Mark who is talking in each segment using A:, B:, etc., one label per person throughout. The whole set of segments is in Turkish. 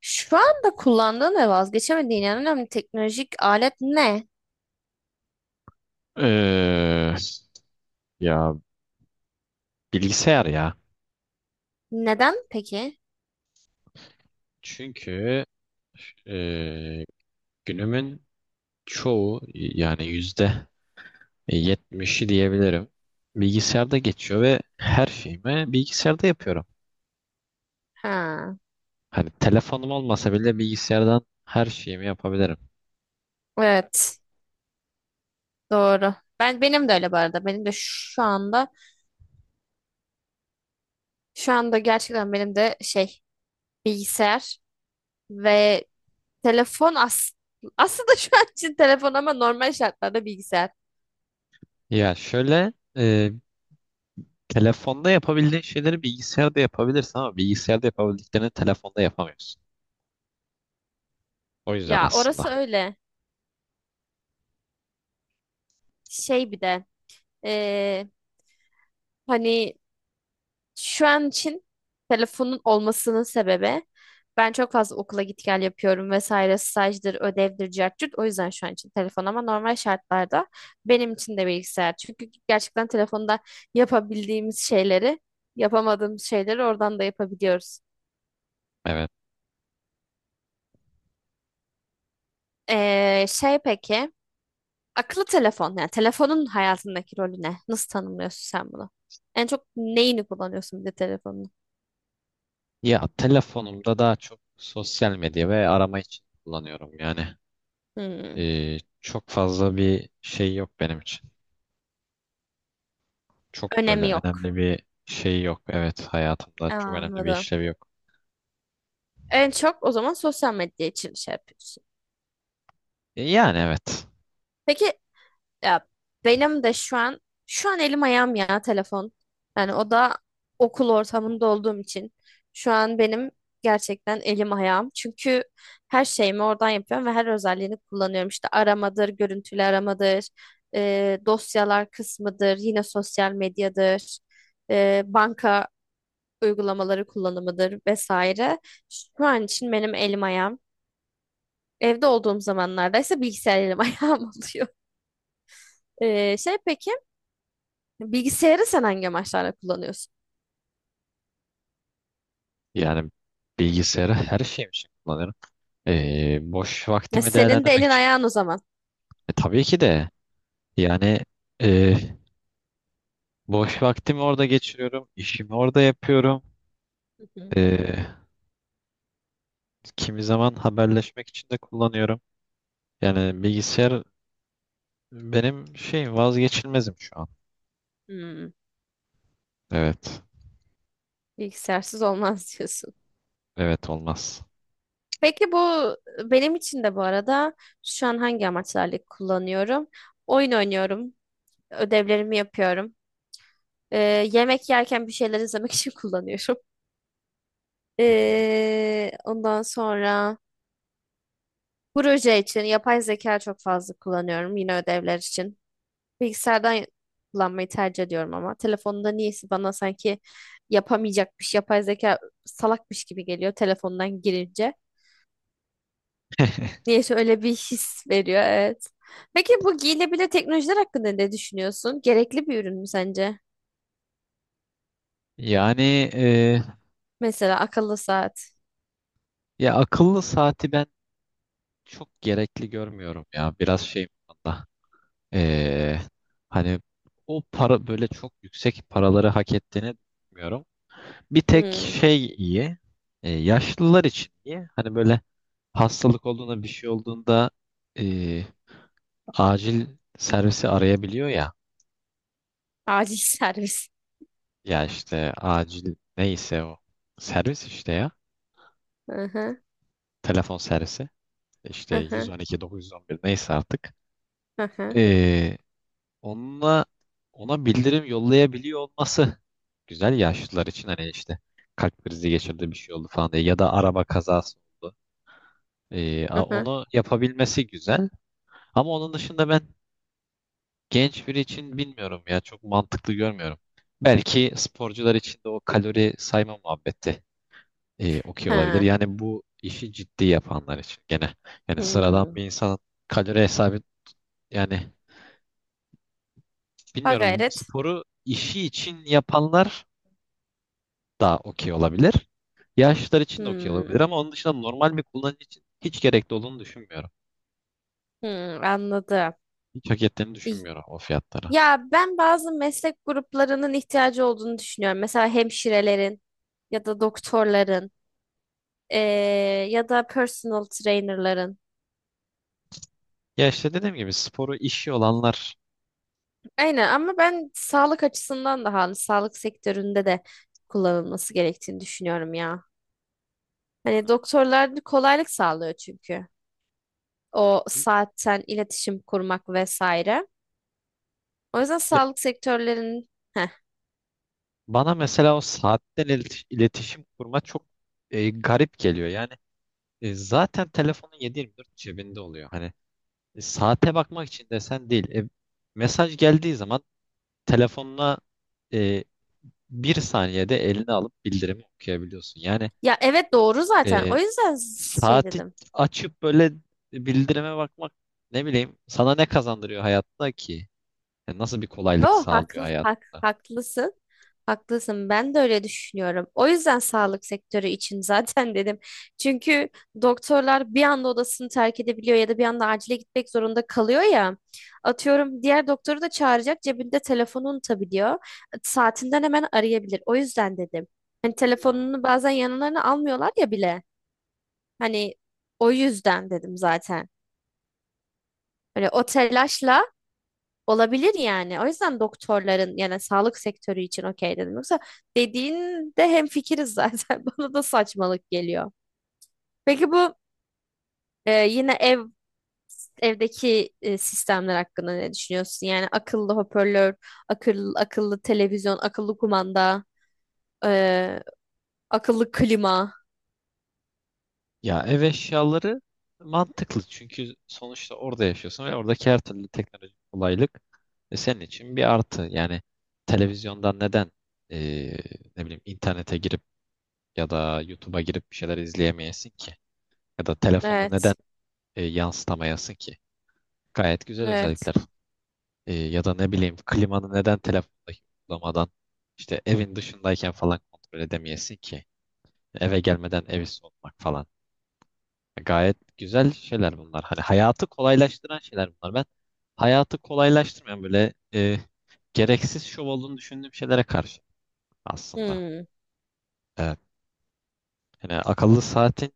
A: Şu anda kullandığın ve vazgeçemediğin en önemli teknolojik alet ne?
B: Ee, ya bilgisayar ya.
A: Neden peki?
B: Çünkü e, günümün çoğu, yani yüzde yetmişi diyebilirim, bilgisayarda geçiyor ve her şeyimi bilgisayarda yapıyorum.
A: Ha,
B: Hani telefonum olmasa bile bilgisayardan her şeyimi yapabilirim.
A: evet, doğru. Benim de öyle bu arada. Benim de şu anda şu anda gerçekten benim de bilgisayar ve telefon aslında şu an için telefon ama normal şartlarda bilgisayar.
B: Ya şöyle, telefonda yapabildiğin şeyleri bilgisayarda yapabilirsin ama bilgisayarda yapabildiklerini telefonda yapamıyorsun. O yüzden
A: Ya orası
B: aslında.
A: öyle. Şey bir de eee, hani Şu an için telefonun olmasının sebebi ben çok fazla okula git gel yapıyorum vesaire stajdır, ödevdir, cart curt. O yüzden şu an için telefon ama normal şartlarda benim için de bilgisayar. Çünkü gerçekten telefonda yapabildiğimiz şeyleri, yapamadığımız şeyleri oradan da yapabiliyoruz.
B: Evet.
A: Şey peki, akıllı telefon yani telefonun hayatındaki rolü ne? Nasıl tanımlıyorsun sen bunu? En çok neyini kullanıyorsun bir de telefonun?
B: Ya telefonumda daha çok sosyal medya ve arama için kullanıyorum yani.
A: Hmm,
B: Çok fazla bir şey yok benim için. Çok böyle
A: önemi yok.
B: önemli bir şey yok. Evet, hayatımda çok önemli bir
A: Anladım.
B: işlevi yok.
A: En çok o zaman sosyal medya için şey yapıyorsun.
B: Yani evet.
A: Peki ya benim de şu an şu an elim ayağım ya telefon. Yani o da okul ortamında olduğum için şu an benim gerçekten elim ayağım. Çünkü her şeyimi oradan yapıyorum ve her özelliğini kullanıyorum. İşte aramadır, görüntülü aramadır, dosyalar kısmıdır, yine sosyal medyadır, banka uygulamaları kullanımıdır vesaire. Şu an için benim elim ayağım. Evde olduğum zamanlarda ise bilgisayar elim ayağım oluyor. Şey peki bilgisayarı sen hangi amaçlarla kullanıyorsun?
B: Yani bilgisayarı her şeyim için kullanıyorum. Boş
A: Ya
B: vaktimi
A: senin de
B: değerlendirmek
A: elin
B: için.
A: ayağın o zaman.
B: Tabii ki de, yani e, boş vaktimi orada geçiriyorum. İşimi orada yapıyorum.
A: Hı hı.
B: E, Kimi zaman haberleşmek için de kullanıyorum. Yani bilgisayar benim şey vazgeçilmezim şu an.
A: Hmm,
B: Evet.
A: bilgisayarsız olmaz diyorsun.
B: Evet, olmaz.
A: Peki bu benim için de bu arada şu an hangi amaçlarla kullanıyorum? Oyun oynuyorum, ödevlerimi yapıyorum. Ee, yemek yerken bir şeyler izlemek için kullanıyorum.
B: Hı hı.
A: Ondan sonra proje için yapay zeka çok fazla kullanıyorum yine ödevler için. Bilgisayardan kullanmayı tercih ediyorum ama telefonda niyeyse bana sanki yapamayacakmış, yapay zeka salakmış gibi geliyor telefondan girince. Niyeyse öyle bir his veriyor, evet. Peki bu giyilebilir teknolojiler hakkında ne düşünüyorsun? Gerekli bir ürün mü sence?
B: Yani e,
A: Mesela akıllı saat,
B: ya akıllı saati ben çok gerekli görmüyorum ya. Biraz şey bu konuda. E, Hani o para, böyle çok yüksek paraları hak ettiğini düşünmüyorum. Bir tek
A: hmm,
B: şey iyi. Yaşlılar için iyi. Hani böyle, hastalık olduğunda, bir şey olduğunda, e, acil servisi arayabiliyor ya.
A: acil servis.
B: Ya işte acil, neyse o servis işte ya.
A: Hı hı,
B: Telefon servisi. İşte
A: hı hı,
B: 112 911 neyse artık.
A: hı hı,
B: E, onunla ona bildirim yollayabiliyor olması güzel yaşlılar için. Hani işte kalp krizi geçirdi, bir şey oldu falan diye, ya da araba kazası oldu.
A: hı hı,
B: Onu yapabilmesi güzel. Ama onun dışında ben, genç biri için bilmiyorum ya, çok mantıklı görmüyorum. Belki sporcular için de o kalori sayma muhabbeti okey olabilir.
A: ha,
B: Yani bu işi ciddi yapanlar için gene. Yani sıradan
A: hmm.
B: bir insan kalori hesabı, yani
A: Ha
B: bilmiyorum,
A: gayret.
B: sporu işi için yapanlar da okey olabilir. Yaşlılar için de okey olabilir
A: Hmm,
B: ama onun dışında normal bir kullanıcı için hiç gerekli olduğunu düşünmüyorum.
A: hmm, anladım.
B: Hiç hak ettiğini düşünmüyorum o fiyatlara.
A: Ya ben bazı meslek gruplarının ihtiyacı olduğunu düşünüyorum. Mesela hemşirelerin ya da doktorların ya da personal trainerların.
B: Ya işte dediğim gibi sporu işi olanlar.
A: Aynen ama ben sağlık açısından da hani sağlık sektöründe de kullanılması gerektiğini düşünüyorum ya. Hani doktorlar da kolaylık sağlıyor çünkü. O
B: Hı.
A: saatten iletişim kurmak vesaire. O yüzden sağlık sektörlerinin Heh.
B: Bana mesela o saatten iletişim kurma çok garip geliyor. Yani zaten telefonun 7 dört cebinde oluyor. Hani saate bakmak için desen değil. Mesaj geldiği zaman telefonuna e, bir saniyede eline alıp bildirimi okuyabiliyorsun. Yani
A: Ya evet doğru zaten. O
B: e,
A: yüzden şey
B: saati
A: dedim.
B: açıp böyle bildirime bakmak, ne bileyim, sana ne kazandırıyor hayatta ki? Yani nasıl bir kolaylık
A: Oh,
B: sağlıyor
A: haklı, hak,
B: hayatında?
A: haklısın. Haklısın. Ben de öyle düşünüyorum. O yüzden sağlık sektörü için zaten dedim. Çünkü doktorlar bir anda odasını terk edebiliyor ya da bir anda acile gitmek zorunda kalıyor ya. Atıyorum diğer doktoru da çağıracak cebinde telefonunu unutabiliyor. Saatinden hemen arayabilir. O yüzden dedim. Hani
B: Hmm.
A: telefonunu bazen yanlarına almıyorlar ya bile. Hani o yüzden dedim zaten. Hani o telaşla Olabilir yani. O yüzden doktorların yani sağlık sektörü için okey dedim. Yoksa dediğinde hemfikiriz zaten. Bana da saçmalık geliyor. Peki bu yine evdeki sistemler hakkında ne düşünüyorsun? Yani akıllı hoparlör, akıllı televizyon, akıllı kumanda, e, akıllı klima.
B: Ya ev eşyaları mantıklı çünkü sonuçta orada yaşıyorsun ve oradaki her türlü teknolojik kolaylık senin için bir artı. Yani televizyondan neden e, ne bileyim internete girip ya da YouTube'a girip bir şeyler izleyemeyesin ki? Ya da telefonda neden
A: Evet.
B: yansıtamayasın ki? Gayet güzel
A: Evet.
B: özellikler. Ya da ne bileyim, klimanı neden telefondaki uygulamadan işte evin dışındayken falan kontrol edemeyesin ki? Eve gelmeden evi soğutmak falan. Gayet güzel şeyler bunlar. Hani hayatı kolaylaştıran şeyler bunlar. Ben hayatı kolaylaştırmayan böyle gereksiz şov olduğunu düşündüğüm şeylere karşı aslında.
A: Hmm,
B: Evet. Yani akıllı saatin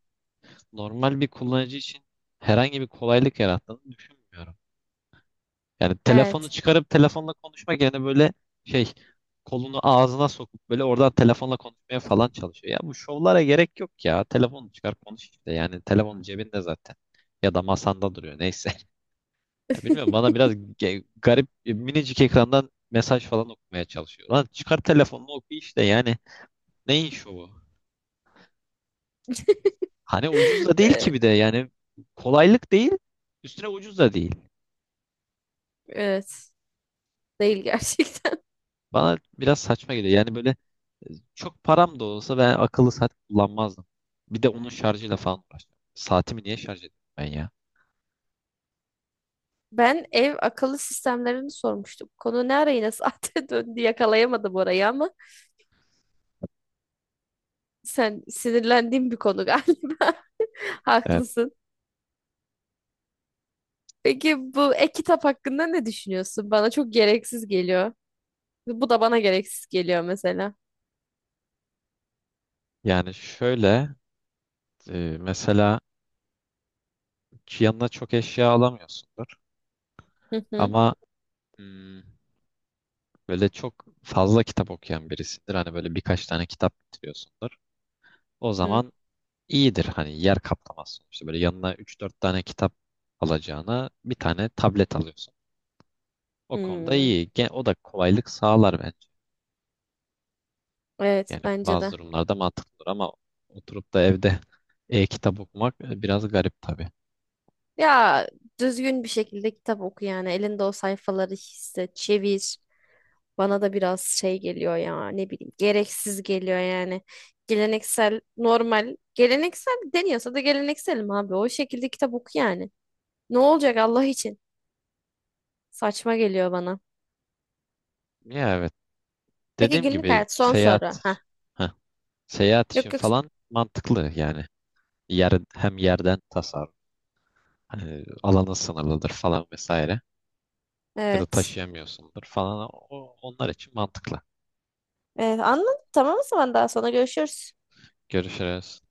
B: normal bir kullanıcı için herhangi bir kolaylık yarattığını düşünmüyorum. Yani telefonu
A: evet.
B: çıkarıp telefonla konuşmak yerine böyle şey, kolunu ağzına sokup böyle oradan telefonla konuşmaya falan çalışıyor. Ya bu şovlara gerek yok ya. Telefonu çıkar konuş işte. Yani telefonun cebinde zaten. Ya da masanda duruyor neyse. Ya bilmiyorum, bana biraz garip, minicik ekrandan mesaj falan okumaya çalışıyor. Lan çıkar telefonunu oku işte yani. Neyin şovu? Hani ucuz da değil ki
A: E,
B: bir de, yani kolaylık değil, üstüne ucuz da değil.
A: Evet. Değil gerçekten.
B: Bana biraz saçma geliyor. Yani böyle, çok param da olsa ben akıllı saat kullanmazdım. Bir de onun şarjıyla falan uğraştım. Saatimi niye şarj edeyim ben ya?
A: Ben ev akıllı sistemlerini sormuştum. Konu ne ara yine saate döndü yakalayamadım orayı ama sen sinirlendiğin bir konu galiba.
B: Evet.
A: Haklısın. Peki bu e-kitap hakkında ne düşünüyorsun? Bana çok gereksiz geliyor. Bu da bana gereksiz geliyor mesela.
B: Yani şöyle, mesela yanına çok eşya alamıyorsundur
A: Hı hı
B: ama hmm, böyle çok fazla kitap okuyan birisindir. Hani böyle birkaç tane kitap bitiriyorsundur. O
A: hı.
B: zaman iyidir, hani yer kaplamaz sonuçta. Böyle yanına üç dört tane kitap alacağına bir tane tablet alıyorsun. O konuda
A: Hmm.
B: iyi. O da kolaylık sağlar bence.
A: Evet
B: Yani
A: bence
B: bazı
A: de.
B: durumlarda mantıklıdır ama oturup da evde e-kitap okumak biraz garip tabii.
A: Ya düzgün bir şekilde kitap oku yani. Elinde o sayfaları hisset, çevir. Bana da biraz şey geliyor ya ne bileyim gereksiz geliyor yani. Geleneksel normal geleneksel deniyorsa da gelenekselim abi. O şekilde kitap oku yani. Ne olacak Allah için? Saçma geliyor bana.
B: Ya evet.
A: Peki
B: Dediğim
A: günlük
B: gibi
A: hayat son soru. Ha.
B: seyahat, heh, seyahat için
A: Yok yok.
B: falan mantıklı yani. Yer, hem yerden tasarruf. Hani alanın sınırlıdır falan vesaire. Ya da
A: Evet.
B: taşıyamıyorsundur falan. O, onlar için mantıklı.
A: Evet anladım. Tamam o zaman daha sonra görüşürüz.
B: Görüşürüz.